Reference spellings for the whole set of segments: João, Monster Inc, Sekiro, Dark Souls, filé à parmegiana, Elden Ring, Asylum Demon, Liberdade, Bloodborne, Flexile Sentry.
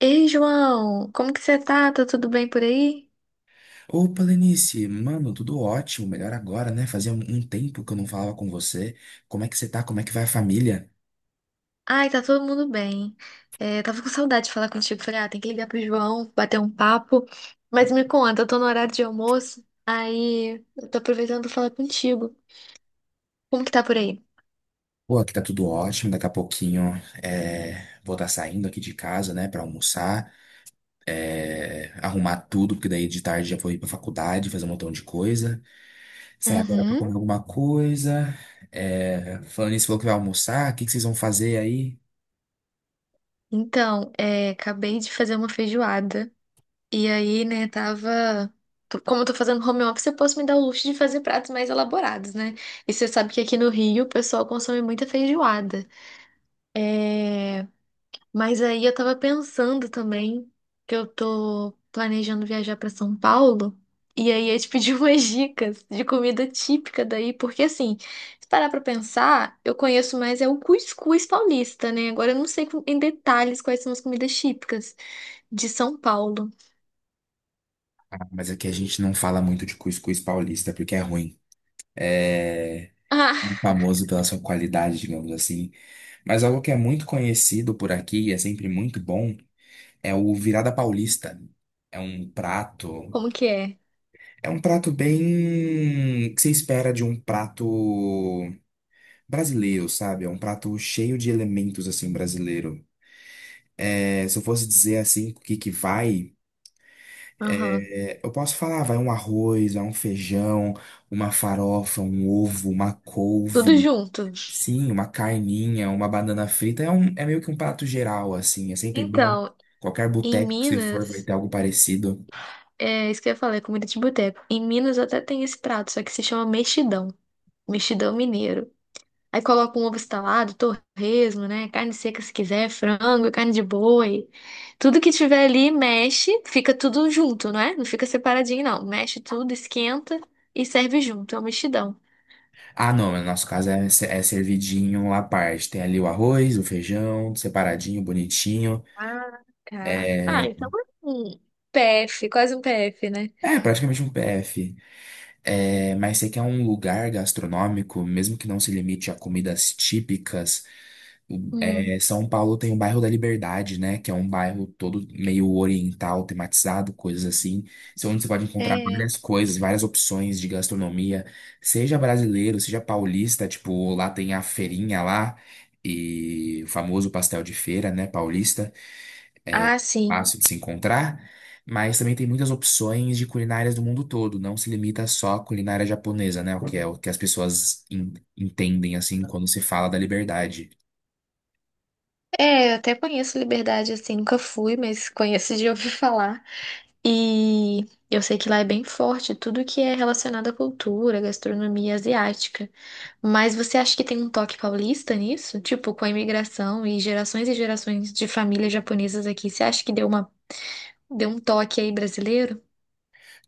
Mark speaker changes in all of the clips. Speaker 1: Ei, João, como que você tá? Tá tudo bem por aí?
Speaker 2: Opa, Lenice, mano, tudo ótimo, melhor agora, né? Fazia um tempo que eu não falava com você. Como é que você tá? Como é que vai a família?
Speaker 1: Ai, tá todo mundo bem. É, tava com saudade de falar contigo. Falei, ah, tem que ligar pro João, bater um papo. Mas me conta, eu tô no horário de almoço, aí eu tô aproveitando pra falar contigo. Como que tá por aí?
Speaker 2: Pô, aqui tá tudo ótimo. Daqui a pouquinho vou estar saindo aqui de casa, né, pra almoçar, arrumar tudo, porque daí de tarde já vou ir pra faculdade, fazer um montão de coisa. Sair agora pra
Speaker 1: Uhum.
Speaker 2: comer alguma coisa. É, falando nisso, falou que vai almoçar, o que que vocês vão fazer aí?
Speaker 1: Então, acabei de fazer uma feijoada. E aí, né, tava. Como eu tô fazendo home office, eu posso me dar o luxo de fazer pratos mais elaborados, né? E você sabe que aqui no Rio o pessoal consome muita feijoada. É... Mas aí eu tava pensando também que eu tô planejando viajar pra São Paulo. E aí eu te pedi umas dicas de comida típica daí, porque assim, se parar pra pensar, eu conheço mais é o cuscuz paulista, né? Agora eu não sei em detalhes quais são as comidas típicas de São Paulo.
Speaker 2: Ah, mas aqui a gente não fala muito de cuscuz paulista, porque é ruim. É,
Speaker 1: Ah,
Speaker 2: famoso pela sua qualidade, digamos assim. Mas algo que é muito conhecido por aqui e é sempre muito bom é o virada paulista. É um prato,
Speaker 1: como que é?
Speaker 2: é um prato bem que se espera de um prato brasileiro, sabe? É um prato cheio de elementos assim brasileiro. É, se eu fosse dizer assim o que que vai,
Speaker 1: Aham.
Speaker 2: eu posso falar, vai um arroz, vai um feijão, uma farofa, um ovo, uma
Speaker 1: Tudo
Speaker 2: couve.
Speaker 1: junto.
Speaker 2: Sim, uma carninha, uma banana frita é meio que um prato geral, assim. É sempre bom.
Speaker 1: Então,
Speaker 2: Qualquer
Speaker 1: em
Speaker 2: boteco que você for vai
Speaker 1: Minas,
Speaker 2: ter algo parecido.
Speaker 1: é isso que eu ia falar, é comida de boteco. Em Minas até tem esse prato, só que se chama mexidão. Mexidão mineiro. Aí coloca um ovo estalado, torresmo, né? Carne seca se quiser, frango, carne de boi. Tudo que tiver ali, mexe, fica tudo junto, não é? Não fica separadinho, não. Mexe tudo, esquenta e serve junto. É um mexidão.
Speaker 2: Ah, não, no nosso caso é, é servidinho à parte. Tem ali o arroz, o feijão, separadinho, bonitinho.
Speaker 1: Ah, tá. Ah,
Speaker 2: É,
Speaker 1: então é um PF, quase um PF, né?
Speaker 2: é praticamente um PF. É, mas você quer um lugar gastronômico, mesmo que não se limite a comidas típicas.
Speaker 1: Hum.
Speaker 2: É, São Paulo tem o bairro da Liberdade, né? Que é um bairro todo meio oriental, tematizado, coisas assim. Isso é onde você pode encontrar
Speaker 1: É.
Speaker 2: várias coisas, várias opções de gastronomia, seja brasileiro, seja paulista. Tipo, lá tem a feirinha lá e o famoso pastel de feira, né? Paulista,
Speaker 1: Ah, sim.
Speaker 2: fácil de se encontrar. Mas também tem muitas opções de culinárias do mundo todo. Não se limita só à culinária japonesa, né? O que é o que as pessoas entendem assim quando se fala da Liberdade.
Speaker 1: É, eu até conheço Liberdade assim, nunca fui, mas conheço de ouvir falar. E eu sei que lá é bem forte tudo que é relacionado à cultura, gastronomia asiática. Mas você acha que tem um toque paulista nisso? Tipo, com a imigração e gerações de famílias japonesas aqui, você acha que deu uma, deu um toque aí brasileiro?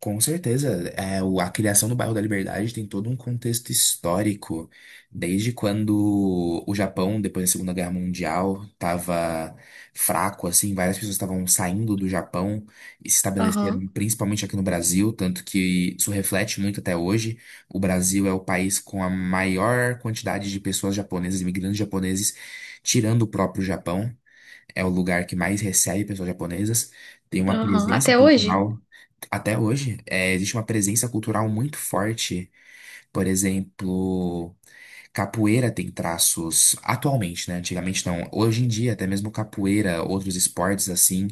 Speaker 2: Com certeza, é, a criação do bairro da Liberdade tem todo um contexto histórico, desde quando o Japão, depois da Segunda Guerra Mundial, estava fraco, assim, várias pessoas estavam saindo do Japão e se
Speaker 1: Aham,
Speaker 2: estabeleceram principalmente aqui no Brasil, tanto que isso reflete muito até hoje. O Brasil é o país com a maior quantidade de pessoas japonesas, imigrantes japoneses, tirando o próprio Japão. É o lugar que mais recebe pessoas japonesas, tem uma
Speaker 1: aham.
Speaker 2: presença
Speaker 1: Até hoje?
Speaker 2: cultural até hoje, existe uma presença cultural muito forte. Por exemplo, capoeira tem traços atualmente, né? Antigamente não. Hoje em dia, até mesmo capoeira, outros esportes assim,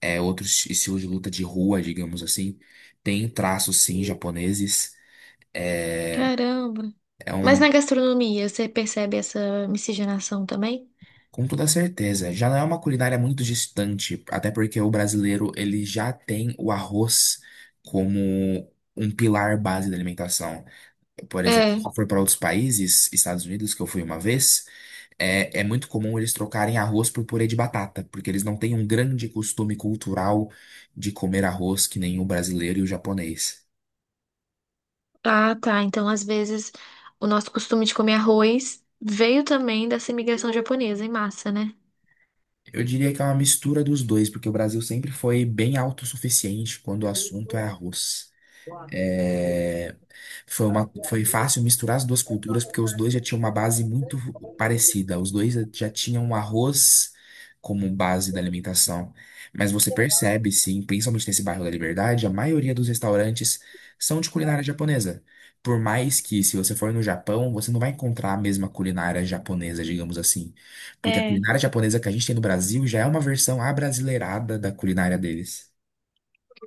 Speaker 2: outros estilos de luta de rua, digamos assim, tem traços sim japoneses. É,
Speaker 1: Caramba.
Speaker 2: é
Speaker 1: Mas
Speaker 2: um,
Speaker 1: na gastronomia, você percebe essa miscigenação também?
Speaker 2: com toda certeza. Já não é uma culinária muito distante, até porque o brasileiro ele já tem o arroz como um pilar base da alimentação. Por exemplo, se
Speaker 1: É.
Speaker 2: for para outros países, Estados Unidos, que eu fui uma vez, é muito comum eles trocarem arroz por purê de batata, porque eles não têm um grande costume cultural de comer arroz que nem o brasileiro e o japonês.
Speaker 1: Ah, tá. Então, às vezes, o nosso costume de comer arroz veio também dessa imigração japonesa em massa, né?
Speaker 2: Eu diria que é uma mistura dos dois, porque o Brasil sempre foi bem autossuficiente quando o assunto é arroz. É, foi fácil misturar as duas culturas, porque os dois já tinham uma base muito parecida. Os dois já tinham o arroz como base da alimentação. Mas você percebe, sim, principalmente nesse bairro da Liberdade, a maioria dos restaurantes são de culinária japonesa. Por mais que, se você for no Japão, você não vai encontrar a mesma culinária japonesa, digamos assim. Porque a
Speaker 1: É,
Speaker 2: culinária japonesa que a gente tem no Brasil já é uma versão abrasileirada da culinária deles.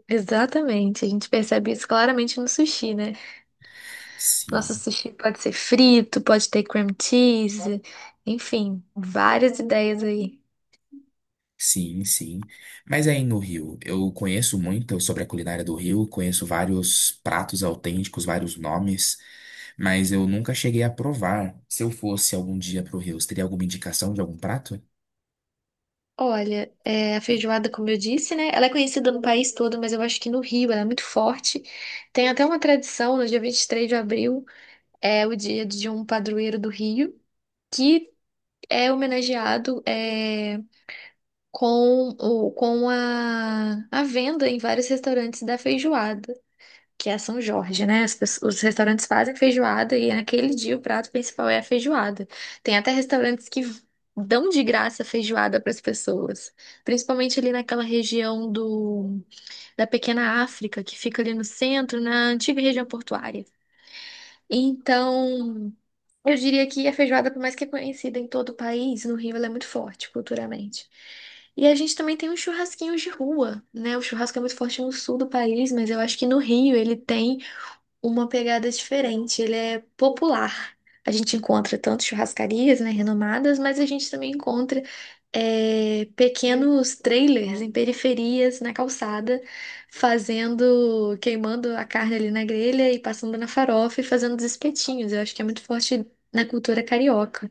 Speaker 1: exatamente. A gente percebe isso claramente no sushi, né? Nosso
Speaker 2: Sim.
Speaker 1: sushi pode ser frito, pode ter cream cheese, enfim, várias ideias aí.
Speaker 2: Sim, sim. Mas aí no Rio, eu conheço muito sobre a culinária do Rio, conheço vários pratos autênticos, vários nomes, mas eu nunca cheguei a provar. Se eu fosse algum dia pro Rio, você teria alguma indicação de algum prato?
Speaker 1: Olha, a feijoada, como eu disse, né? Ela é conhecida no país todo, mas eu acho que no Rio ela é muito forte. Tem até uma tradição, no dia 23 de abril, é o dia de um padroeiro do Rio, que é homenageado com, o, com a venda em vários restaurantes da feijoada, que é São Jorge, né? Os restaurantes fazem feijoada e naquele dia o prato principal é a feijoada. Tem até restaurantes que dão de graça feijoada para as pessoas, principalmente ali naquela região do, da Pequena África, que fica ali no centro, na antiga região portuária. Então, eu diria que a feijoada, por mais que é conhecida em todo o país, no Rio ela é muito forte culturalmente. E a gente também tem os churrasquinhos de rua, né? O churrasco é muito forte no sul do país, mas eu acho que no Rio ele tem uma pegada diferente, ele é popular. A gente encontra tanto churrascarias, né, renomadas, mas a gente também encontra pequenos trailers em periferias, na calçada, fazendo, queimando a carne ali na grelha e passando na farofa e fazendo os espetinhos. Eu acho que é muito forte na cultura carioca.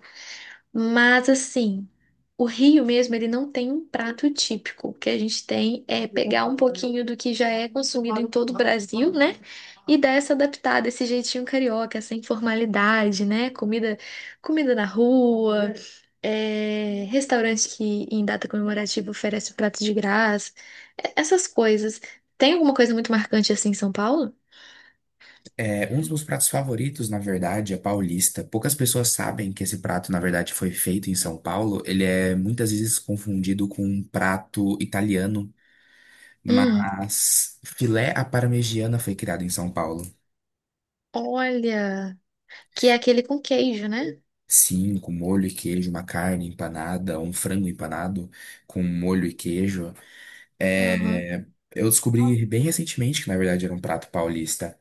Speaker 1: Mas assim, o Rio mesmo, ele não tem um prato típico. O que a gente tem é pegar um pouquinho do que já é consumido em todo o Brasil, né? E dar essa adaptada, esse jeitinho carioca, essa informalidade, né? Comida na rua, restaurante que em data comemorativa oferece o prato de graça, essas coisas. Tem alguma coisa muito marcante assim em São Paulo?
Speaker 2: É, um dos meus pratos favoritos, na verdade, é paulista. Poucas pessoas sabem que esse prato, na verdade, foi feito em São Paulo. Ele é muitas vezes confundido com um prato italiano,
Speaker 1: Hum,
Speaker 2: mas filé à parmegiana foi criado em São Paulo.
Speaker 1: olha, que é aquele com queijo, né?
Speaker 2: Sim, com molho e queijo, uma carne empanada, um frango empanado com molho e queijo.
Speaker 1: Aham.
Speaker 2: É, eu descobri bem recentemente que, na verdade, era um prato paulista.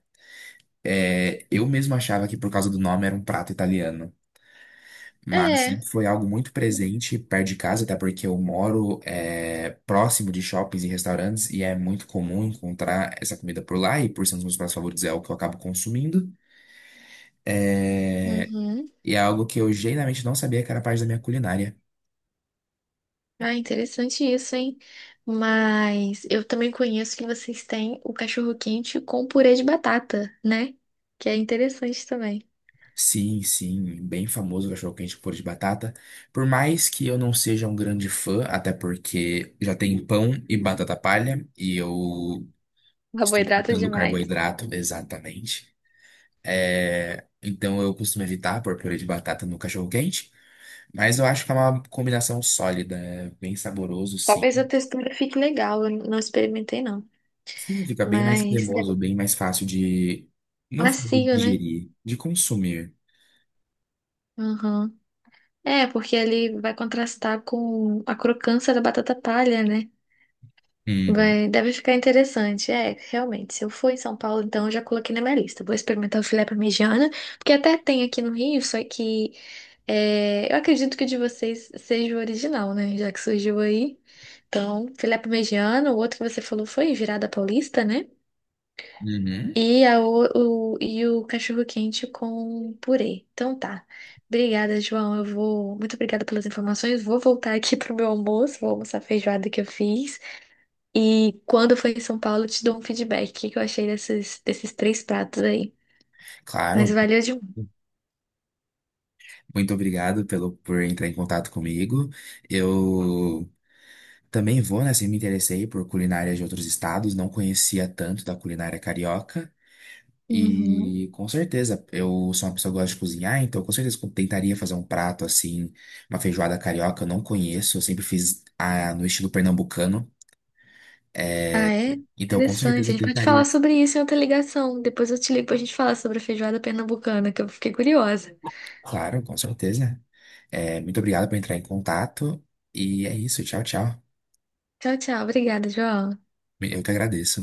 Speaker 2: É, eu mesmo achava que, por causa do nome, era um prato italiano. Mas sempre
Speaker 1: É.
Speaker 2: foi algo muito presente perto de casa, até porque eu moro próximo de shoppings e restaurantes e é muito comum encontrar essa comida por lá. E por ser um dos meus pratos favoritos, é o que eu acabo consumindo. É,
Speaker 1: Uhum.
Speaker 2: E é algo que eu genuinamente não sabia que era parte da minha culinária.
Speaker 1: Ah, interessante isso, hein? Mas eu também conheço que vocês têm o cachorro-quente com purê de batata, né? Que é interessante também.
Speaker 2: Sim, sim, bem famoso o cachorro-quente com purê de batata. Por mais que eu não seja um grande fã, até porque já tem pão e batata palha, e eu estou
Speaker 1: Carboidrato
Speaker 2: cortando
Speaker 1: demais.
Speaker 2: carboidrato, exatamente. É, então eu costumo evitar pôr purê de batata no cachorro-quente, mas eu acho que é uma combinação sólida, é bem saboroso, sim.
Speaker 1: Talvez a textura fique legal, eu não experimentei não.
Speaker 2: Sim, fica bem mais
Speaker 1: Mas
Speaker 2: cremoso,
Speaker 1: deve-
Speaker 2: bem mais fácil de, não falo de
Speaker 1: macio, né?
Speaker 2: digerir, de consumir.
Speaker 1: Uhum. É, porque ele vai contrastar com a crocância da batata palha, né?
Speaker 2: Uhum.
Speaker 1: Vai, deve ficar interessante. É, realmente, se eu for em São Paulo, então eu já coloquei na minha lista. Vou experimentar o filé parmegiana, porque até tem aqui no Rio, só que eu acredito que o de vocês seja o original, né? Já que surgiu aí. Então, filé parmegiana, o outro que você falou foi virada paulista, né?
Speaker 2: Uhum.
Speaker 1: E o cachorro-quente com purê. Então tá. Obrigada, João. Eu vou. Muito obrigada pelas informações. Vou voltar aqui pro meu almoço. Vou almoçar a feijoada que eu fiz. E quando for em São Paulo, eu te dou um feedback. O que que eu achei desses 3 pratos aí? Mas
Speaker 2: Claro.
Speaker 1: valeu demais.
Speaker 2: Muito obrigado por entrar em contato comigo. Eu também vou, né? Assim, me interessei por culinária de outros estados, não conhecia tanto da culinária carioca.
Speaker 1: Uhum.
Speaker 2: E com certeza, eu sou uma pessoa que gosta de cozinhar, então com certeza eu tentaria fazer um prato assim, uma feijoada carioca, eu não conheço, eu sempre fiz a, no estilo pernambucano.
Speaker 1: Ah, é?
Speaker 2: Então com certeza
Speaker 1: Interessante. A
Speaker 2: eu
Speaker 1: gente pode
Speaker 2: tentaria.
Speaker 1: falar sobre isso em outra ligação. Depois eu te ligo pra gente falar sobre a feijoada pernambucana, que eu fiquei curiosa.
Speaker 2: Claro, com certeza. É, muito obrigado por entrar em contato. E é isso, tchau, tchau.
Speaker 1: Tchau, tchau. Obrigada, João.
Speaker 2: Eu que agradeço.